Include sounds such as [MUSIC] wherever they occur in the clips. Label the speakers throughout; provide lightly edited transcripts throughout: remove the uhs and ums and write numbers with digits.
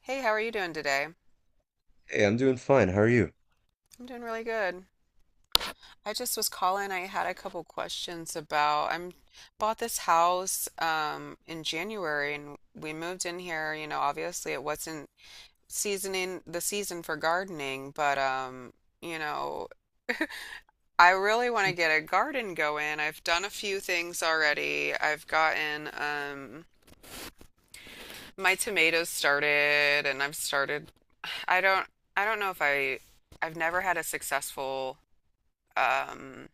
Speaker 1: Hey, how are you doing today?
Speaker 2: Hey, I'm doing fine. How are you?
Speaker 1: I'm doing really good. I just was calling. I had a couple questions about I'm bought this house in January and we moved in here, you know, obviously it wasn't seasoning the season for gardening, but you know, I really want to get a garden going. I've done a few things already. I've gotten my tomatoes started and I don't I don't know if I I've never had a successful um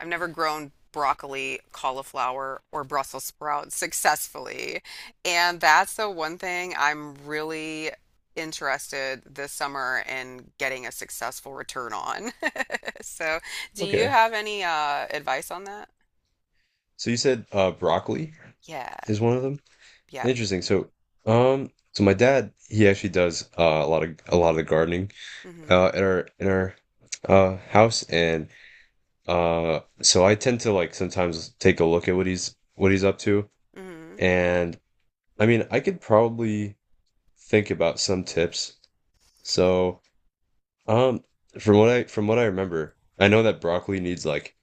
Speaker 1: I've never grown broccoli, cauliflower, or Brussels sprouts successfully. And that's the one thing I'm really interested this summer in getting a successful return on. [LAUGHS] So, do you
Speaker 2: Okay.
Speaker 1: have any advice on that?
Speaker 2: So you said broccoli
Speaker 1: Yeah.
Speaker 2: is one of them?
Speaker 1: Yep.
Speaker 2: Interesting. So my dad, he actually does a lot of the gardening
Speaker 1: Mm-hmm.
Speaker 2: in our house and so I tend to like sometimes take a look at what he's up to
Speaker 1: Mm-hmm.
Speaker 2: and I mean, I could probably think about some tips. So um from what I remember, I know that broccoli needs like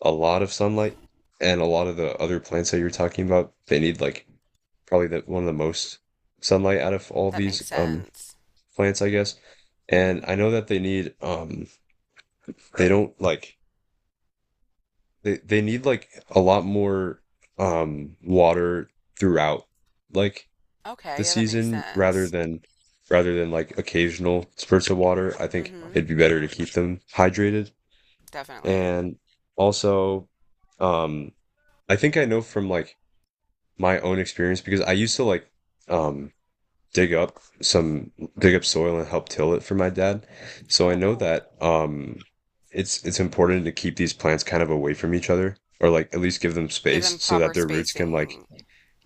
Speaker 2: a lot of sunlight, and a lot of the other plants that you're talking about, they need like probably the one of the most sunlight out of all
Speaker 1: That
Speaker 2: these
Speaker 1: makes sense.
Speaker 2: plants, I guess.
Speaker 1: Mm-hmm.
Speaker 2: And I know that they need they don't like they need like a lot more water throughout, like,
Speaker 1: Okay.
Speaker 2: the
Speaker 1: Yeah, that makes
Speaker 2: season, rather
Speaker 1: sense.
Speaker 2: than like occasional spurts of water. I think
Speaker 1: Mm-hmm.
Speaker 2: it'd be better to keep them hydrated.
Speaker 1: Definitely.
Speaker 2: And also, um I think I know from like my own experience, because I used to like um dig up some dig up soil and help till it for my dad. So I
Speaker 1: Oh,
Speaker 2: know
Speaker 1: cool.
Speaker 2: that it's important to keep these plants kind of away from each other, or like at least give them
Speaker 1: Give them
Speaker 2: space so that
Speaker 1: proper
Speaker 2: their roots can like,
Speaker 1: spacing.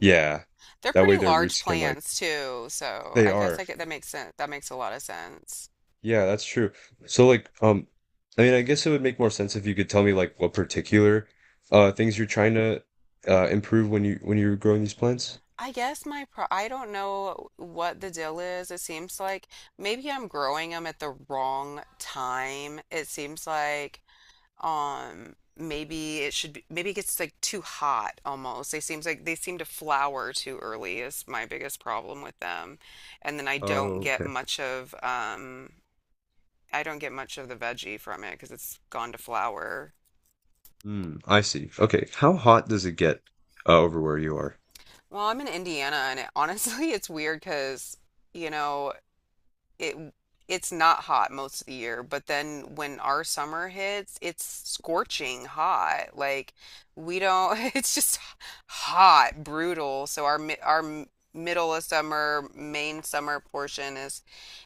Speaker 2: yeah,
Speaker 1: They're
Speaker 2: that way
Speaker 1: pretty
Speaker 2: their
Speaker 1: large
Speaker 2: roots can like,
Speaker 1: plans too, so
Speaker 2: they
Speaker 1: I guess
Speaker 2: are.
Speaker 1: I get that makes sense. That makes a lot of sense.
Speaker 2: Yeah, that's true. So like, I mean, I guess it would make more sense if you could tell me like what particular things you're trying to improve when you when you're growing these plants.
Speaker 1: I guess my pro I don't know what the deal is. It seems like maybe I'm growing them at the wrong time. It seems like maybe it gets like too hot almost. They seem to flower too early is my biggest problem with them. And then
Speaker 2: Oh, okay.
Speaker 1: I don't get much of the veggie from it because it's gone to flower.
Speaker 2: Mm, I see. Okay. How hot does it get, over where you are?
Speaker 1: Well, I'm in Indiana, and it, honestly, [LAUGHS] it's weird because, you know, it it's not hot most of the year, but then when our summer hits, it's scorching hot. Like we don't, [LAUGHS] it's just hot, brutal. So our middle of summer, main summer portion is,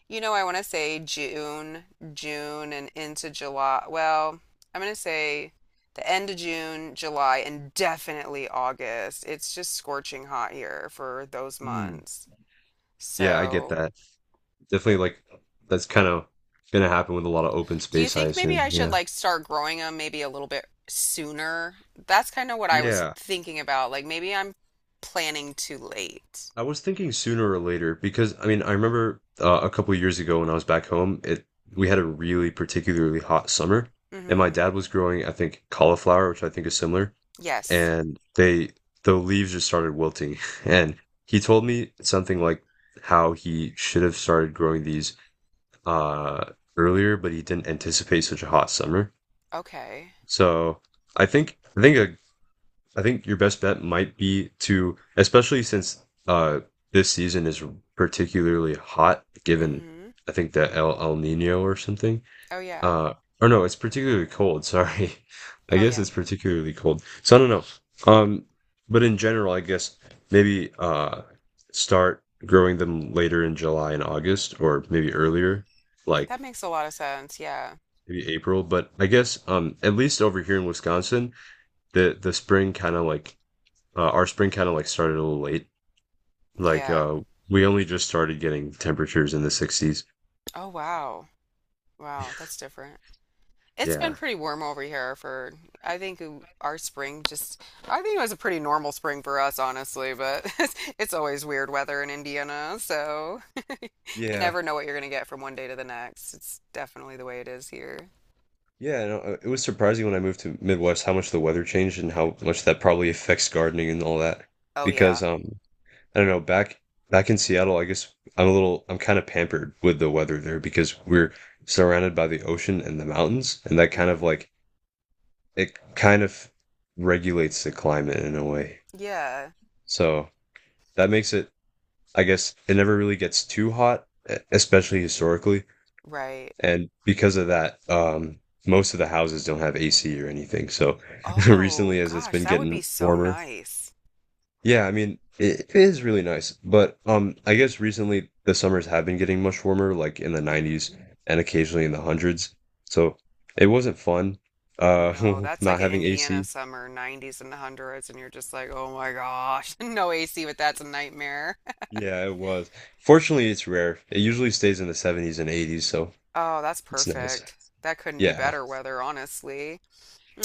Speaker 1: you know, I want to say June and into July. Well, I'm going to say the end of June, July, and definitely August. It's just scorching hot here for those
Speaker 2: Mm.
Speaker 1: months.
Speaker 2: Yeah, I get
Speaker 1: So
Speaker 2: that. Definitely, like, that's kind of gonna happen with a lot of open
Speaker 1: do you
Speaker 2: space, I
Speaker 1: think maybe
Speaker 2: assume.
Speaker 1: I should
Speaker 2: Yeah.
Speaker 1: like start growing them maybe a little bit sooner? That's kind of what I was
Speaker 2: Yeah.
Speaker 1: thinking about. Like maybe I'm planning too late.
Speaker 2: I was thinking sooner or later, because I mean, I remember a couple years ago when I was back home, it we had a really particularly hot summer, and my
Speaker 1: Mm-hmm.
Speaker 2: dad was growing, I think, cauliflower, which I think is similar,
Speaker 1: Yes.
Speaker 2: and they the leaves just started wilting [LAUGHS] and he told me something like how he should have started growing these uh, earlier, but he didn't anticipate such a hot summer.
Speaker 1: Okay.
Speaker 2: So I think I think a, I think your best bet might be to, especially since this season is particularly hot, given
Speaker 1: Mm-hmm.
Speaker 2: I think the El Nino or something.
Speaker 1: Oh yeah.
Speaker 2: Uh, or no, it's particularly cold. Sorry, [LAUGHS] I
Speaker 1: Oh
Speaker 2: guess
Speaker 1: yeah.
Speaker 2: it's particularly cold. So I don't know. Um, but in general, I guess maybe, start growing them later in July and August, or maybe earlier, like
Speaker 1: That makes a lot of sense. Yeah.
Speaker 2: maybe April. But I guess at least over here in Wisconsin, the spring kind of like, our spring kind of like started a little late. Like
Speaker 1: Yeah.
Speaker 2: we only just started getting temperatures in the 60s.
Speaker 1: Oh wow. Wow, that's different. It's been
Speaker 2: Yeah.
Speaker 1: pretty warm over here for I think w- our spring just I think it was a pretty normal spring for us honestly, but [LAUGHS] it's always weird weather in Indiana, so you
Speaker 2: Yeah.
Speaker 1: never know what you're going to get from one day to the next. It's definitely the way it is here.
Speaker 2: Yeah, no, it was surprising when I moved to Midwest how much the weather changed and how much that probably affects gardening and all that.
Speaker 1: Oh, yeah.
Speaker 2: Because I don't know, back in Seattle, I guess I'm a little I'm kind of pampered with the weather there, because we're surrounded by the ocean and the mountains, and that kind of
Speaker 1: Hmm.
Speaker 2: like it kind of regulates the climate in a way.
Speaker 1: Yeah,
Speaker 2: So that makes it, I guess, it never really gets too hot, e- especially historically.
Speaker 1: right.
Speaker 2: And because of that, most of the houses don't have AC or anything. So [LAUGHS]
Speaker 1: Oh,
Speaker 2: recently, as it's
Speaker 1: gosh,
Speaker 2: been
Speaker 1: that would be
Speaker 2: getting
Speaker 1: so
Speaker 2: warmer,
Speaker 1: nice.
Speaker 2: yeah, I mean, it is really nice. But I guess recently the summers have been getting much warmer, like in the 90s,
Speaker 1: Hmm.
Speaker 2: and occasionally in the hundreds. So it wasn't fun, uh,
Speaker 1: No,
Speaker 2: [LAUGHS]
Speaker 1: that's like
Speaker 2: not
Speaker 1: an
Speaker 2: having
Speaker 1: Indiana
Speaker 2: AC.
Speaker 1: summer, 90s and 100s, and you're just like, oh my gosh, [LAUGHS] no AC, but that's a nightmare. [LAUGHS]
Speaker 2: Yeah, it was. Fortunately, it's rare. It usually stays in the 70s and 80s, so
Speaker 1: Oh, that's
Speaker 2: it's nice.
Speaker 1: perfect. That couldn't be
Speaker 2: Yeah.
Speaker 1: better weather, honestly.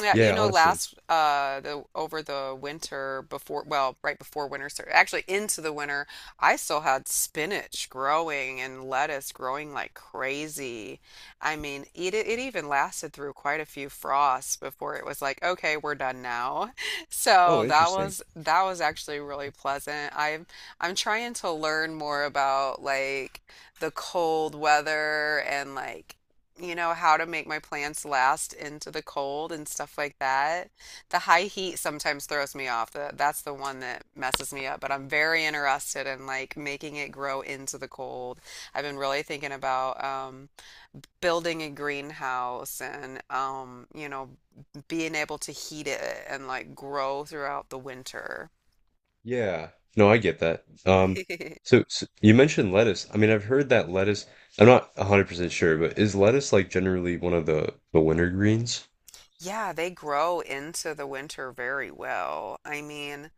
Speaker 1: Yeah, you
Speaker 2: Yeah,
Speaker 1: know,
Speaker 2: honestly.
Speaker 1: last the over the winter before, well, right before winter started, actually into the winter, I still had spinach growing and lettuce growing like crazy. I mean, it even lasted through quite a few frosts before it was like, okay, we're done now. [LAUGHS] So
Speaker 2: Oh, interesting.
Speaker 1: that was actually really pleasant. I'm trying to learn more about like the cold weather and like, you know, how to make my plants last into the cold and stuff like that. The high heat sometimes throws me off. That's the one that messes me up, but I'm very interested in like making it grow into the cold. I've been really thinking about building a greenhouse and you know, being able to heat it and like grow throughout the winter.
Speaker 2: Yeah. No, I get that. So,
Speaker 1: [LAUGHS]
Speaker 2: so you mentioned lettuce. I mean, I've heard that lettuce, I'm not 100% sure, but is lettuce like generally one of the winter greens?
Speaker 1: Yeah, they grow into the winter very well. I mean,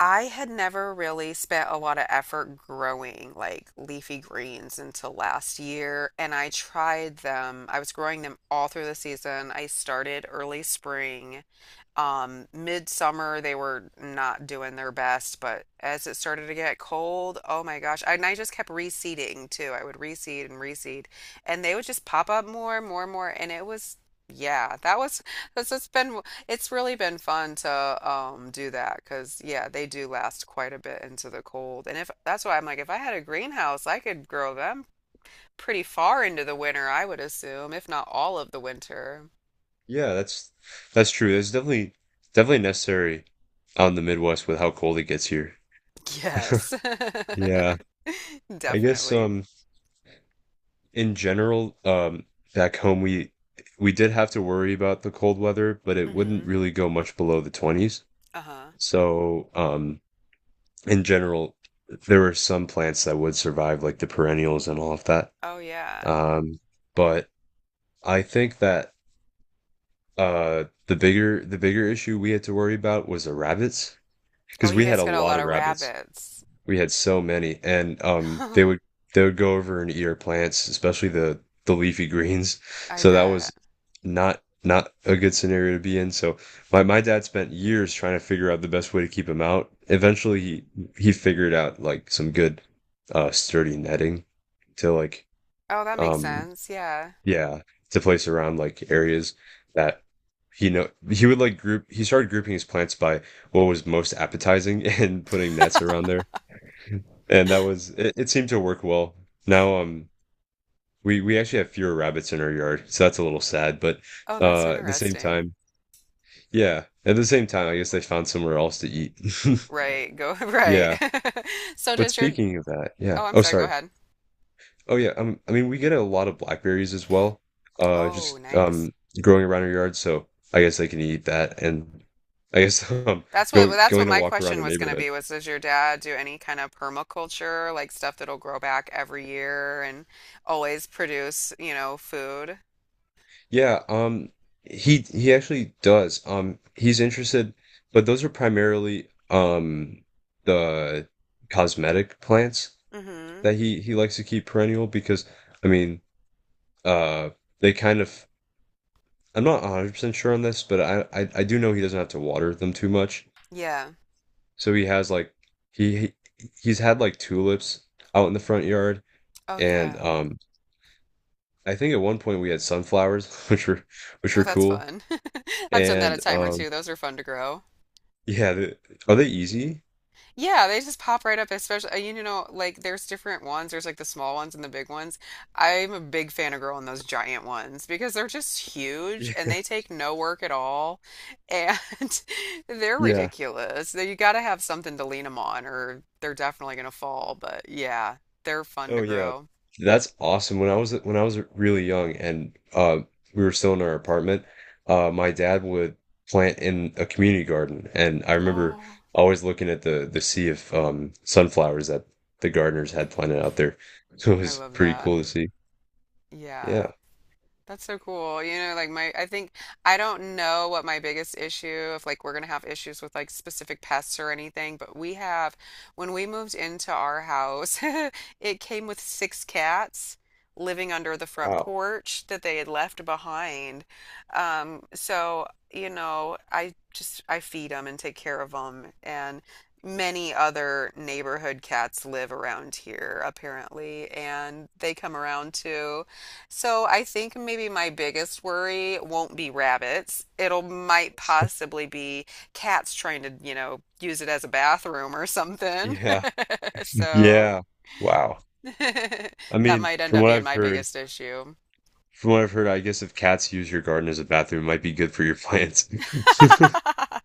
Speaker 1: I had never really spent a lot of effort growing like leafy greens until last year, and I tried them. I was growing them all through the season. I started early spring. Midsummer, they were not doing their best, but as it started to get cold, oh my gosh. And I just kept reseeding too. I would reseed and reseed, and they would just pop up more and more and more. And it was, yeah, that was, that's it's been, it's really been fun to do that because, yeah, they do last quite a bit into the cold. And if that's why I'm like, if I had a greenhouse, I could grow them pretty far into the winter, I would assume, if not all of the winter.
Speaker 2: Yeah, that's true. That's definitely definitely necessary on the Midwest with how cold it gets here. [LAUGHS]
Speaker 1: Yes.
Speaker 2: Yeah,
Speaker 1: [LAUGHS]
Speaker 2: I guess
Speaker 1: Definitely.
Speaker 2: in general, back home we did have to worry about the cold weather, but it wouldn't
Speaker 1: Hmm.
Speaker 2: really go much below the 20s.
Speaker 1: Uh-huh.
Speaker 2: So, in general, there were some plants that would survive, like the perennials and all of that.
Speaker 1: Oh yeah.
Speaker 2: Um, but I think that the bigger issue we had to worry about was the rabbits,
Speaker 1: Oh,
Speaker 2: because
Speaker 1: you
Speaker 2: we had
Speaker 1: guys
Speaker 2: a
Speaker 1: got a
Speaker 2: lot
Speaker 1: lot
Speaker 2: of
Speaker 1: of
Speaker 2: rabbits.
Speaker 1: rabbits.
Speaker 2: We had so many, and
Speaker 1: [LAUGHS] I
Speaker 2: they would go over and eat our plants, especially the leafy greens. So that was
Speaker 1: bet.
Speaker 2: not not a good scenario to be in. So my dad spent years trying to figure out the best way to keep them out. Eventually, he figured out like some good sturdy netting to like
Speaker 1: Oh, that makes
Speaker 2: um
Speaker 1: sense. Yeah.
Speaker 2: yeah to place around like areas that he know he would like group he started grouping his plants by what was most appetizing [LAUGHS] and putting nets around there, and that was it, it seemed to work well. Now we actually have fewer rabbits in our yard, so that's a little sad, but
Speaker 1: Oh, that's
Speaker 2: at the same
Speaker 1: interesting.
Speaker 2: time, yeah, at the same time I guess they found somewhere else to eat. [LAUGHS]
Speaker 1: Right. Go [LAUGHS] right.
Speaker 2: Yeah.
Speaker 1: [LAUGHS] So
Speaker 2: But
Speaker 1: does your
Speaker 2: speaking of that,
Speaker 1: Oh,
Speaker 2: yeah.
Speaker 1: I'm
Speaker 2: Oh,
Speaker 1: sorry, go
Speaker 2: sorry.
Speaker 1: ahead.
Speaker 2: Oh yeah, I mean we get a lot of blackberries as well. Just
Speaker 1: Oh, nice.
Speaker 2: growing around our yard, so I guess they can eat that and I guess [LAUGHS]
Speaker 1: That's what well, that's
Speaker 2: going
Speaker 1: what
Speaker 2: to
Speaker 1: my
Speaker 2: walk around
Speaker 1: question
Speaker 2: our
Speaker 1: was going to
Speaker 2: neighborhood.
Speaker 1: be was does your dad do any kind of permaculture, like stuff that'll grow back every year and always produce, you know, food?
Speaker 2: Yeah, he actually does. He's interested, but those are primarily the cosmetic plants
Speaker 1: Mm-hmm.
Speaker 2: that he likes to keep perennial because I mean, uh they kind of I'm not 100% sure on this, but I do know he doesn't have to water them too much.
Speaker 1: Yeah.
Speaker 2: So he has like he- he's had like tulips out in the front yard,
Speaker 1: Oh,
Speaker 2: and
Speaker 1: yeah.
Speaker 2: I think at one point we had sunflowers [LAUGHS] which
Speaker 1: Oh,
Speaker 2: were
Speaker 1: that's
Speaker 2: cool.
Speaker 1: fun. [LAUGHS] I've done that a
Speaker 2: And
Speaker 1: time or two. Those are fun to grow.
Speaker 2: yeah, the are they easy?
Speaker 1: Yeah, they just pop right up, especially, you know, like there's different ones. There's like the small ones and the big ones. I'm a big fan of growing those giant ones because they're just huge and
Speaker 2: Yeah,
Speaker 1: they take no work at all. And [LAUGHS]
Speaker 2: [LAUGHS]
Speaker 1: they're
Speaker 2: yeah.
Speaker 1: ridiculous. You gotta have something to lean them on or they're definitely gonna fall. But yeah, they're fun to
Speaker 2: Oh, yeah.
Speaker 1: grow.
Speaker 2: That's awesome. When I was really young and we were still in our apartment, my dad would plant in a community garden, and I remember
Speaker 1: Oh,
Speaker 2: always looking at the sea of sunflowers that the gardeners had planted out there. [LAUGHS] So it
Speaker 1: I
Speaker 2: was
Speaker 1: love
Speaker 2: pretty
Speaker 1: that.
Speaker 2: cool to see.
Speaker 1: Yeah.
Speaker 2: Yeah.
Speaker 1: That's so cool. You know, like I think I don't know what my biggest issue, if like we're gonna have issues with like specific pests or anything, but we have, when we moved into our house, [LAUGHS] it came with six cats living under the front
Speaker 2: Wow.
Speaker 1: porch that they had left behind. So, you know, I feed them and take care of them. And many other neighborhood cats live around here, apparently, and they come around too. So I think maybe my biggest worry won't be rabbits. It'll might
Speaker 2: [LAUGHS]
Speaker 1: possibly be cats trying to, you know, use it as a bathroom or something. [LAUGHS]
Speaker 2: Yeah.
Speaker 1: So
Speaker 2: Yeah. Wow.
Speaker 1: [LAUGHS]
Speaker 2: I
Speaker 1: that
Speaker 2: mean,
Speaker 1: might end up being my biggest issue.
Speaker 2: from what I've heard, I guess if cats use your garden as a bathroom, it might be good for your plants. [LAUGHS]
Speaker 1: [LAUGHS]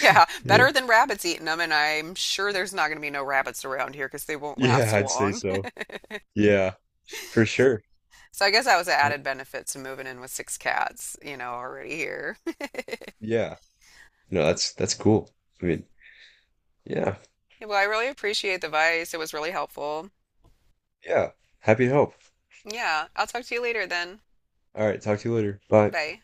Speaker 1: Yeah,
Speaker 2: Yeah.
Speaker 1: better than rabbits eating them, and I'm sure there's not going to be no rabbits around here because they won't
Speaker 2: Yeah,
Speaker 1: last
Speaker 2: I'd say
Speaker 1: long.
Speaker 2: so.
Speaker 1: [LAUGHS]
Speaker 2: Yeah, for sure.
Speaker 1: So I guess that was an added benefit to moving in with six cats, you know, already here. [LAUGHS]
Speaker 2: Yeah. No, that's cool. I mean, yeah,
Speaker 1: Well, I really appreciate the advice. It was really helpful.
Speaker 2: yeah. Happy to help.
Speaker 1: Yeah. I'll talk to you later then.
Speaker 2: All right, talk to you later. Bye.
Speaker 1: Bye.